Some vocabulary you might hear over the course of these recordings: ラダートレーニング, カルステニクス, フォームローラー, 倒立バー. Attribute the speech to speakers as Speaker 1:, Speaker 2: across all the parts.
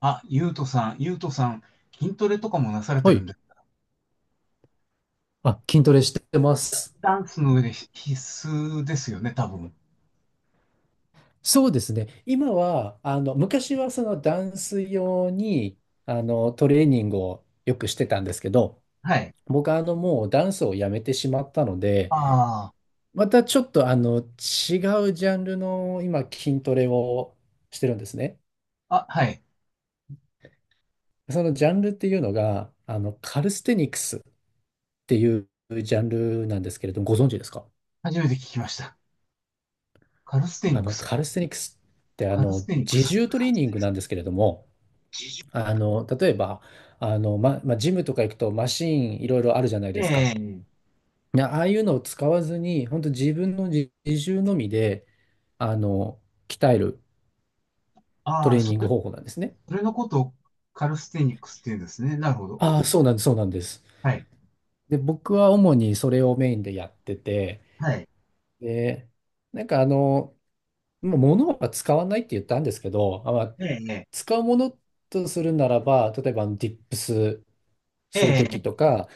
Speaker 1: あ、ゆうとさん、ゆうとさん、筋トレとかもなされて
Speaker 2: は
Speaker 1: るん
Speaker 2: い。
Speaker 1: で、
Speaker 2: あ、筋トレしてます。
Speaker 1: ダンスの上で必須ですよね、多分。
Speaker 2: そうですね。今は、昔はそのダンス用に、トレーニングをよくしてたんですけど、
Speaker 1: はい。
Speaker 2: 僕はもうダンスをやめてしまったので、
Speaker 1: あ
Speaker 2: またちょっと違うジャンルの今、筋トレをしてるんですね。
Speaker 1: あ、あ、はい。
Speaker 2: そのジャンルっていうのが、カルステニクスっていうジャンルなんですけれども、ご存知ですか？
Speaker 1: 初めて聞きました。カルステニクス。
Speaker 2: カルステニクスって
Speaker 1: カルステニク
Speaker 2: 自
Speaker 1: ス。
Speaker 2: 重トレーニングなんですけれども、例えば、まあ、ジムとか行くとマシーンいろいろあるじゃないですか。
Speaker 1: ええ。
Speaker 2: いや、ああいうのを使わずに、本当自分の自重のみで、あの、鍛えるト
Speaker 1: ああ、
Speaker 2: レーニング方法なんですね。
Speaker 1: それのことをカルステニクスって言うんですね。なるほど。お
Speaker 2: ああ、そうなんです。
Speaker 1: はい。
Speaker 2: で、僕は主にそれをメインでやってて、
Speaker 1: はい。
Speaker 2: で、なんかあの、もう物は使わないって言ったんですけど、あ、まあ、
Speaker 1: ええ、
Speaker 2: 使うものとするならば、例えばあのディップス
Speaker 1: え
Speaker 2: するとき
Speaker 1: え、
Speaker 2: とか、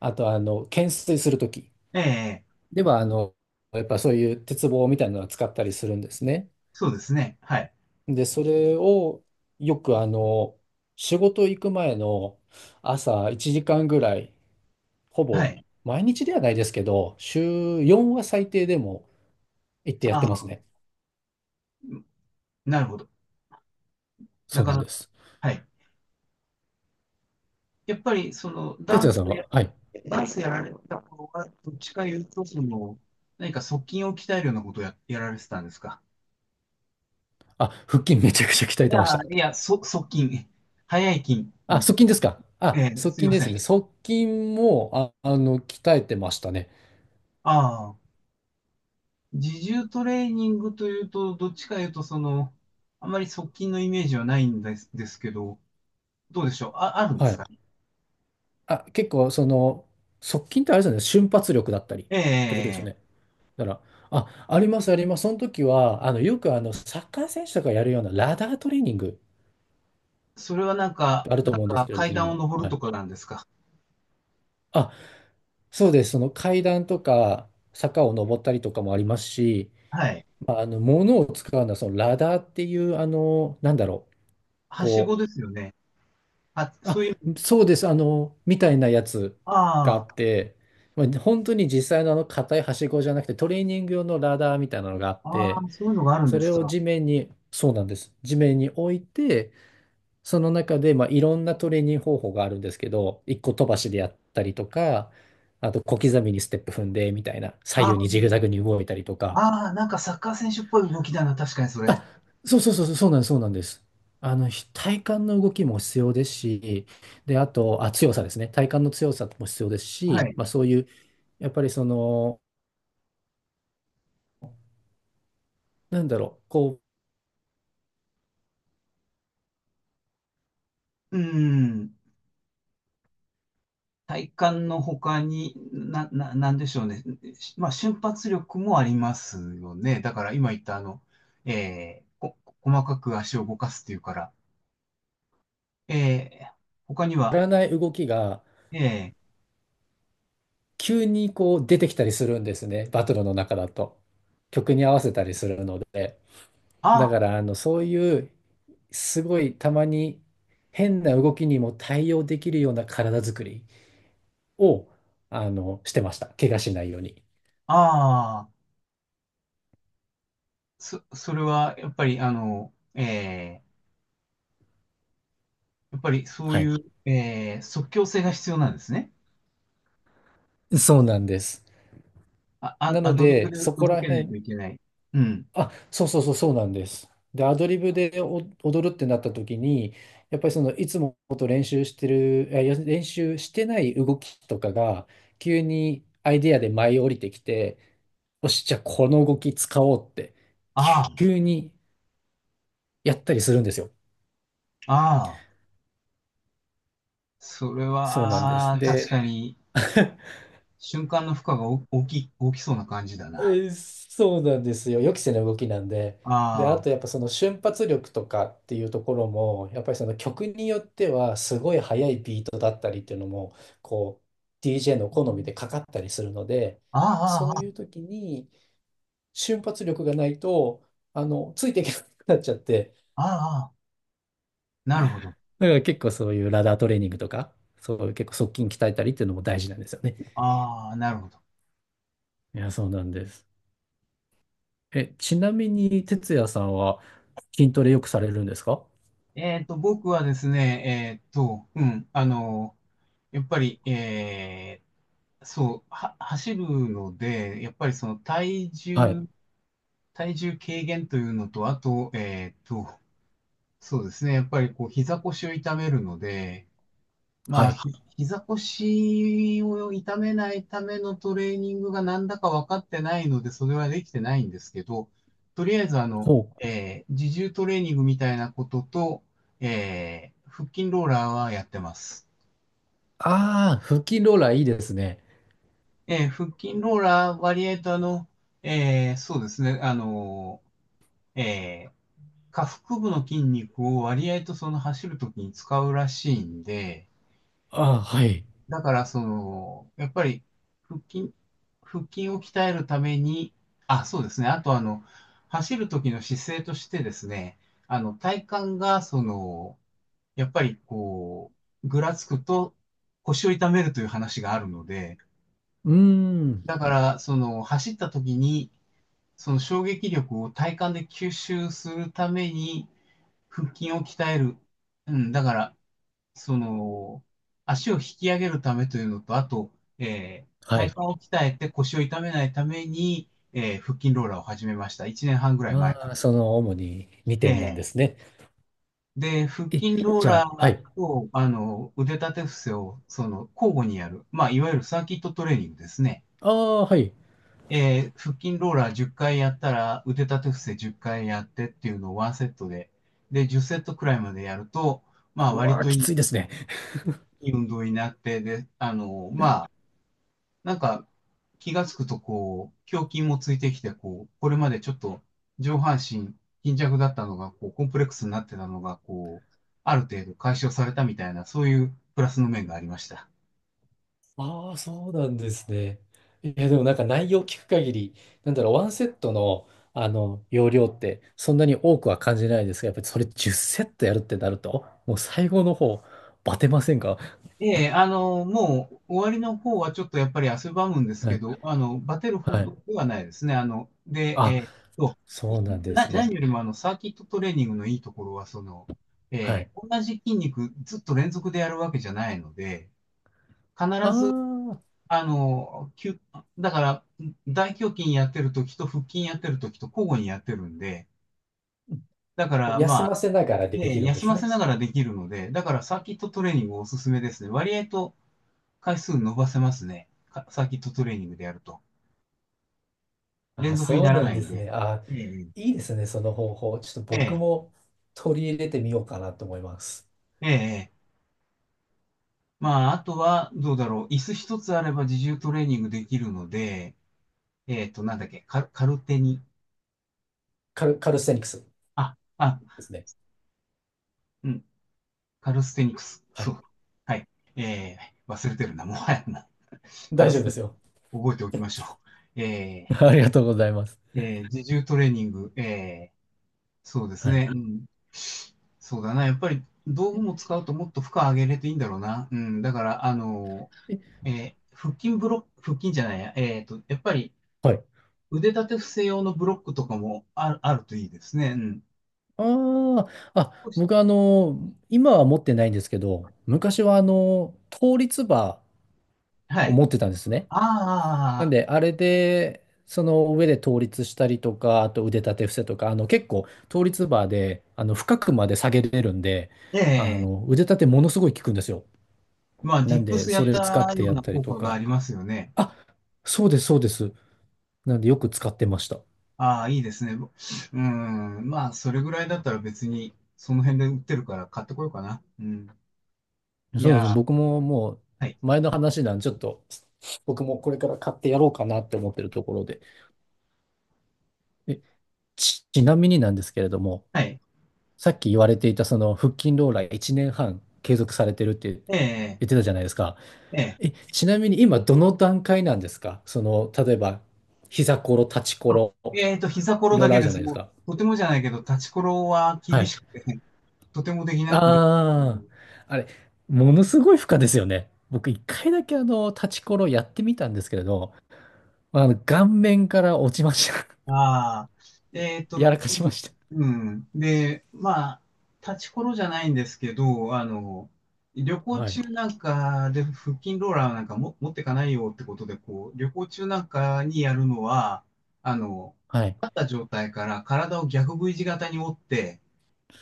Speaker 2: あと懸垂するとき。
Speaker 1: ええ、
Speaker 2: では、やっぱそういう鉄棒みたいなのを使ったりするんですね。
Speaker 1: そうですね。はい。
Speaker 2: で、それをよく仕事行く前の朝1時間ぐらい、ほ
Speaker 1: は
Speaker 2: ぼ
Speaker 1: い。
Speaker 2: 毎日ではないですけど、週4は最低でも行ってやっ
Speaker 1: あ
Speaker 2: てます
Speaker 1: あ、
Speaker 2: ね。
Speaker 1: なるほど。な
Speaker 2: そう
Speaker 1: か
Speaker 2: なん
Speaker 1: な
Speaker 2: で
Speaker 1: か。
Speaker 2: す。
Speaker 1: はい。やっぱりその
Speaker 2: 哲也さんは、はい。
Speaker 1: ダンスやられた方が、どっちか言うと、その、何か側筋を鍛えるようなことをやられてたんですか？
Speaker 2: あ、腹筋めちゃくちゃ鍛え
Speaker 1: い
Speaker 2: て
Speaker 1: や、
Speaker 2: ました。
Speaker 1: いや、側筋、早い筋
Speaker 2: あ、側
Speaker 1: 肉。
Speaker 2: 筋ですか？あ、
Speaker 1: ええ、
Speaker 2: 側
Speaker 1: すい
Speaker 2: 筋
Speaker 1: ま
Speaker 2: で
Speaker 1: せ
Speaker 2: すね。
Speaker 1: ん。
Speaker 2: 側筋も、あ、鍛えてましたね。
Speaker 1: ああ、自重トレーニングというと、どっちか言うと、その、あまり側筋のイメージはないんです、ですけど、どうでしょう、あるんで
Speaker 2: は
Speaker 1: すか？
Speaker 2: い。あ、結構、その、側近ってあれですよね、瞬発力だったりっ
Speaker 1: え
Speaker 2: てことですよね。
Speaker 1: え、
Speaker 2: だから、あ、あります。その時は、あの、よくサッカー選手とかやるようなラダートレーニング
Speaker 1: それはなんか、
Speaker 2: あると思うんですけれど
Speaker 1: 階段を
Speaker 2: も、
Speaker 1: 登る
Speaker 2: は
Speaker 1: と
Speaker 2: い。
Speaker 1: かなんですか？
Speaker 2: あ、そうです。その階段とか、坂を登ったりとかもありますし、
Speaker 1: はい。
Speaker 2: まあ、物を使うのは、そのラダーっていう、なんだろう、
Speaker 1: はしご
Speaker 2: こう、
Speaker 1: ですよね。あ、
Speaker 2: あ、
Speaker 1: そういう、
Speaker 2: そうです。あの、みたいなやつがあ
Speaker 1: あ
Speaker 2: っ
Speaker 1: あ。
Speaker 2: て、まあ本当に実際のあの硬いはしごじゃなくてトレーニング用のラダーみたいなのがあっ
Speaker 1: あ
Speaker 2: て、
Speaker 1: あ、そういうのがあるん
Speaker 2: そ
Speaker 1: です
Speaker 2: れを
Speaker 1: か。
Speaker 2: 地面に、そうなんです。地面に置いて、その中で、まあ、いろんなトレーニング方法があるんですけど、一個飛ばしでやったりとか、あと小刻みにステップ踏んでみたいな、左
Speaker 1: あ
Speaker 2: 右
Speaker 1: ー、
Speaker 2: にジグザグに動いたりとか、
Speaker 1: あー、なんかサッカー選手っぽい動きだな。確かにそれ。
Speaker 2: あ、そうそうそうそう、そうなんです、そうなんです。あの、体幹の動きも必要ですし、で、あと、あ、強さですね。体幹の強さも必要です
Speaker 1: は
Speaker 2: し、
Speaker 1: い。
Speaker 2: まあそういう、やっぱりその、なんだろう、こ
Speaker 1: うん。体幹の他に、なんでしょうね？まあ、瞬発力もありますよね。だから今言ったあの、えー、こ、細かく足を動かすっていうから。えー、他に
Speaker 2: う、
Speaker 1: は、
Speaker 2: やらない動きが
Speaker 1: えー、
Speaker 2: 急にこう出てきたりするんですね。バトルの中だと。曲に合わせたりするので。だ
Speaker 1: あ、
Speaker 2: から、そういう、すごいたまに変な動きにも対応できるような体作りを、してました。怪我しないように。
Speaker 1: ああ、それはやっぱりあの、やっぱりそう
Speaker 2: はい
Speaker 1: いう、即興性が必要なんですね。
Speaker 2: そうなんです。な
Speaker 1: ア
Speaker 2: の
Speaker 1: ドリブ
Speaker 2: で、
Speaker 1: で
Speaker 2: そこ
Speaker 1: 動
Speaker 2: ら
Speaker 1: けないと
Speaker 2: 辺、
Speaker 1: いけない。うん。
Speaker 2: あ、そうなんです。で、アドリブでお踊るってなった時に、やっぱりその、いつもと練習してる、あいや、練習してない動きとかが、急にアイディアで舞い降りてきて、よし、じゃあこの動き使おうって、
Speaker 1: あ
Speaker 2: 急にやったりするんですよ。
Speaker 1: あ、ああ、それ
Speaker 2: そうなんで
Speaker 1: は、あ
Speaker 2: す。
Speaker 1: あ確
Speaker 2: で、
Speaker 1: かに、瞬間の負荷がお大きい、大きそうな感じだ
Speaker 2: え
Speaker 1: な。
Speaker 2: ーそうなんですよ。予期せぬ動きなんで。で、あ
Speaker 1: あ
Speaker 2: とやっぱその瞬発力とかっていうところも、やっぱりその曲によってはすごい速いビートだったりっていうのも、こう、DJ の好みでかかったりするので、
Speaker 1: あ、
Speaker 2: そう
Speaker 1: ああ、
Speaker 2: いう時に瞬発力がないと、ついていけなくなっちゃって、
Speaker 1: ああ、ああ、なるほど。
Speaker 2: だから結構そういうラダートレーニングとか、そういう結構側筋鍛えたりっていうのも大事なんですよね。
Speaker 1: ああ、なるほど。
Speaker 2: いや、そうなんです。え、ちなみに、哲也さんは筋トレよくされるんですか？
Speaker 1: 僕はですね、うん、あの、やっぱり、走るので、やっぱりその
Speaker 2: はい
Speaker 1: 体重軽減というのと、あと、そうですね。やっぱりこう膝腰を痛めるので、
Speaker 2: は
Speaker 1: まあ、
Speaker 2: い。
Speaker 1: 膝腰を痛めないためのトレーニングがなんだか分かってないので、それはできてないんですけど、とりあえずあの、
Speaker 2: ほう。
Speaker 1: 自重トレーニングみたいなことと、腹筋ローラーはやってます。
Speaker 2: ああ、フキローラーいいですね。
Speaker 1: 腹筋ローラー割合とあの、そうですね、あの、えー下腹部の筋肉を割合とその走るときに使うらしいんで、
Speaker 2: ああ、はい。
Speaker 1: だからその、やっぱり腹筋、腹筋を鍛えるために、あ、そうですね。あとあの、走る時の姿勢としてですね、あの、体幹がその、やっぱりこう、ぐらつくと腰を痛めるという話があるので、
Speaker 2: うーん。
Speaker 1: だからその、走った時に、その衝撃力を体幹で吸収するために腹筋を鍛える。うん、だからその、足を引き上げるためというのと、あと、
Speaker 2: は
Speaker 1: 体
Speaker 2: い。
Speaker 1: 幹を鍛えて腰を痛めないために、腹筋ローラーを始めました。1年半ぐらい前か
Speaker 2: ああ、
Speaker 1: ら。
Speaker 2: その主に2点なんで
Speaker 1: え
Speaker 2: すね。
Speaker 1: で、腹
Speaker 2: え、
Speaker 1: 筋ロー
Speaker 2: じゃ
Speaker 1: ラ
Speaker 2: あ、はい。
Speaker 1: ーと、あの、腕立て伏せを、その、交互にやる。まあ、いわゆるサーキットトレーニングですね。
Speaker 2: ああ、はい。
Speaker 1: 腹筋ローラー10回やったら、腕立て伏せ10回やってっていうのをワンセットで、で、10セットくらいまでやると、まあ、
Speaker 2: う
Speaker 1: 割
Speaker 2: わあ、
Speaker 1: と
Speaker 2: きついですね。
Speaker 1: いい運動になって、で、あの、まあ、なんか、気がつくとこう、胸筋もついてきて、こう、これまでちょっと上半身貧弱だったのが、こう、コンプレックスになってたのが、こう、ある程度解消されたみたいな、そういうプラスの面がありました。
Speaker 2: ああ、そうなんですね。いや、でもなんか内容聞く限り、なんだろう、ワンセットの、容量ってそんなに多くは感じないですが、やっぱりそれ10セットやるってなると、もう最後の方、バテませんか？
Speaker 1: ええ、あの、もう終わりの方はちょっとやっぱり汗ばむんです
Speaker 2: は
Speaker 1: け
Speaker 2: い。
Speaker 1: ど、あの、バテるほ
Speaker 2: はい。
Speaker 1: どではないですね。あの、で、
Speaker 2: あ、
Speaker 1: ーっと、
Speaker 2: そ
Speaker 1: い
Speaker 2: うなんです
Speaker 1: 何
Speaker 2: ね。
Speaker 1: よりもあの、サーキットトレーニングのいいところは、その、
Speaker 2: はい。
Speaker 1: 同じ筋肉ずっと連続でやるわけじゃないので、必
Speaker 2: あ
Speaker 1: ず
Speaker 2: あ、
Speaker 1: あの、だから、大胸筋やってるときと腹筋やってるときと交互にやってるんで、だから
Speaker 2: 休
Speaker 1: まあ、
Speaker 2: ませながらでき
Speaker 1: ね、
Speaker 2: るんで
Speaker 1: 休
Speaker 2: す
Speaker 1: ませ
Speaker 2: ね。
Speaker 1: ながらできるので、だからサーキットトレーニングおすすめですね。割合と回数伸ばせますね。かサーキットトレーニングでやると。連
Speaker 2: あ、
Speaker 1: 続に
Speaker 2: そう
Speaker 1: なら
Speaker 2: な
Speaker 1: な
Speaker 2: ん
Speaker 1: い
Speaker 2: で
Speaker 1: ん
Speaker 2: す
Speaker 1: で。
Speaker 2: ね。あ、
Speaker 1: ええ、
Speaker 2: いいですね、その方法。ちょっと僕
Speaker 1: え
Speaker 2: も取り入れてみようかなと思います。
Speaker 1: え、ええ。まあ、あとは、どうだろう。椅子一つあれば自重トレーニングできるので、えっと、なんだっけ、カルテに。
Speaker 2: カルステニクス
Speaker 1: あ、あ、
Speaker 2: ですね。
Speaker 1: うん、カルステニクス。
Speaker 2: は
Speaker 1: そ
Speaker 2: い。
Speaker 1: う。はい。え忘れてるな。もはやな。カ
Speaker 2: 大
Speaker 1: ル
Speaker 2: 丈
Speaker 1: ス
Speaker 2: 夫
Speaker 1: テ
Speaker 2: で
Speaker 1: ニ
Speaker 2: す
Speaker 1: クス、
Speaker 2: よ。
Speaker 1: 覚えておきましょう。
Speaker 2: ありがとうございます。
Speaker 1: 自重トレーニング。そうです
Speaker 2: はい。
Speaker 1: ね。うん。そうだな。やっぱり道具も
Speaker 2: え
Speaker 1: 使うともっと負荷上げれていいんだろうな。うん。だから、
Speaker 2: え
Speaker 1: 腹筋ブロック、腹筋じゃないや。えっと、やっぱり
Speaker 2: はい。
Speaker 1: 腕立て伏せ用のブロックとかもあるといいですね。うん。
Speaker 2: ああ、あ、
Speaker 1: 少し、
Speaker 2: 僕今は持ってないんですけど、昔は倒立バ
Speaker 1: は
Speaker 2: ーを
Speaker 1: い。
Speaker 2: 持ってたんですね。なん
Speaker 1: あ
Speaker 2: で、あれで、その上で倒立したりとか、あと腕立て伏せとか、あの結構倒立バーで、あの深くまで下げれるんで、あ
Speaker 1: あ、ええ、
Speaker 2: の腕立てものすごい効くんですよ。
Speaker 1: まあ、ディ
Speaker 2: なん
Speaker 1: ップ
Speaker 2: で、
Speaker 1: スや
Speaker 2: そ
Speaker 1: っ
Speaker 2: れ使っ
Speaker 1: た
Speaker 2: て
Speaker 1: よう
Speaker 2: や
Speaker 1: な
Speaker 2: ったり
Speaker 1: 効
Speaker 2: と
Speaker 1: 果があ
Speaker 2: か。
Speaker 1: りますよね。
Speaker 2: あ、そうです。なんでよく使ってました。
Speaker 1: ああ、いいですね。うん。まあ、それぐらいだったら別に、その辺で売ってるから買ってこようかな。うん。い
Speaker 2: そうで
Speaker 1: や
Speaker 2: すね。
Speaker 1: ー、
Speaker 2: 僕ももう
Speaker 1: はい。
Speaker 2: 前の話なんで、ちょっと僕もこれから買ってやろうかなって思ってるところで。え、ちなみになんですけれども、
Speaker 1: はい。
Speaker 2: さっき言われていたその腹筋ローラー1年半継続されてるって言っ
Speaker 1: ええ、
Speaker 2: てたじゃないですか。
Speaker 1: え
Speaker 2: え、
Speaker 1: え。
Speaker 2: ちなみに今どの段階なんですか？その、例えば、膝ころ、立ちこ
Speaker 1: あ、
Speaker 2: ろ、
Speaker 1: 膝こ
Speaker 2: い
Speaker 1: ろ
Speaker 2: ろい
Speaker 1: だ
Speaker 2: ろあ
Speaker 1: け
Speaker 2: る
Speaker 1: で
Speaker 2: じゃな
Speaker 1: す。
Speaker 2: いです
Speaker 1: も
Speaker 2: か。
Speaker 1: う、とてもじゃないけど、立ちころは
Speaker 2: は
Speaker 1: 厳
Speaker 2: い。
Speaker 1: しくて、とてもできなくで
Speaker 2: ああ、あれ、ものすごい負荷ですよね。僕一回だけ立ちころやってみたんですけれど、まあの、顔面から落ちました。
Speaker 1: ああ、えっ
Speaker 2: や
Speaker 1: と、
Speaker 2: らかしまし
Speaker 1: うん。で、まあ、立ちころじゃないんですけど、あの、旅
Speaker 2: た。
Speaker 1: 行
Speaker 2: はい。
Speaker 1: 中なんかで腹筋ローラーなんかも持ってかないよってことで、こう、旅行中なんかにやるのは、あの、
Speaker 2: はい。
Speaker 1: 立った状態から体を逆 V 字型に折って、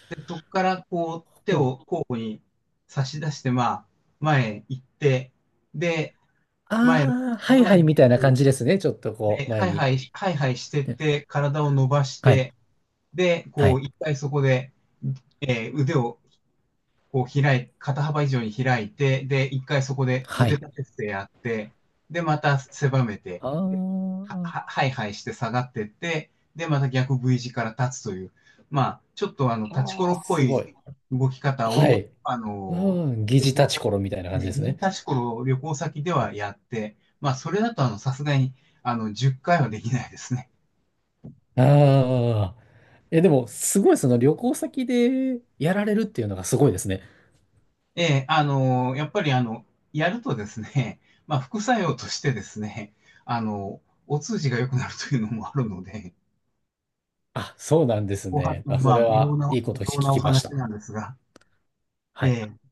Speaker 1: で、そこからこう、手
Speaker 2: お、
Speaker 1: を交互に差し出して、まあ、前行って、で、前、
Speaker 2: ああ、はい
Speaker 1: 前
Speaker 2: はいみ
Speaker 1: に
Speaker 2: たいな感
Speaker 1: こ
Speaker 2: じですね。ちょっと
Speaker 1: う、
Speaker 2: こ
Speaker 1: で、
Speaker 2: う、
Speaker 1: ハ
Speaker 2: 前
Speaker 1: イハ
Speaker 2: に。
Speaker 1: イ、ハイハイしてっ
Speaker 2: で
Speaker 1: て、体を伸ばし
Speaker 2: はい。
Speaker 1: て、で、
Speaker 2: は
Speaker 1: こう、
Speaker 2: い。
Speaker 1: 一回そこで、腕をこう肩幅以上に開いて、で、一回そこで
Speaker 2: は
Speaker 1: 腕
Speaker 2: い。
Speaker 1: 立て伏せやって、で、また狭めて、
Speaker 2: あーあ
Speaker 1: はいはいして下がってって、で、また逆 V 字から立つという、まあ、ちょっとあの、立ちこ
Speaker 2: ー、
Speaker 1: ろ
Speaker 2: あ
Speaker 1: っぽ
Speaker 2: すご
Speaker 1: い
Speaker 2: い。
Speaker 1: 動き方
Speaker 2: は
Speaker 1: を、
Speaker 2: い。
Speaker 1: あ
Speaker 2: う
Speaker 1: の、
Speaker 2: ん、疑似
Speaker 1: 旅
Speaker 2: 立
Speaker 1: 行
Speaker 2: ち
Speaker 1: 先、
Speaker 2: ころみたいな感じ
Speaker 1: ね、
Speaker 2: で
Speaker 1: 疑
Speaker 2: す
Speaker 1: 似
Speaker 2: ね。
Speaker 1: 立ちころを旅行先ではやって、まあ、それだとあの、さすがに、あの、10回はできないですね。
Speaker 2: ああ。え、でも、すごい、その旅行先でやられるっていうのがすごいですね。
Speaker 1: ええ、あの、やっぱりあの、やるとですね、まあ、副作用としてですね、あの、お通じが良くなるというのもあるので、
Speaker 2: あ、そうなんです
Speaker 1: おは
Speaker 2: ね。あ、そ
Speaker 1: ま
Speaker 2: れ
Speaker 1: あ、微妙
Speaker 2: は、
Speaker 1: な
Speaker 2: いいこ
Speaker 1: 微
Speaker 2: と聞
Speaker 1: 妙なお
Speaker 2: きまし
Speaker 1: 話
Speaker 2: た。
Speaker 1: なんですが、
Speaker 2: はい。
Speaker 1: ええ。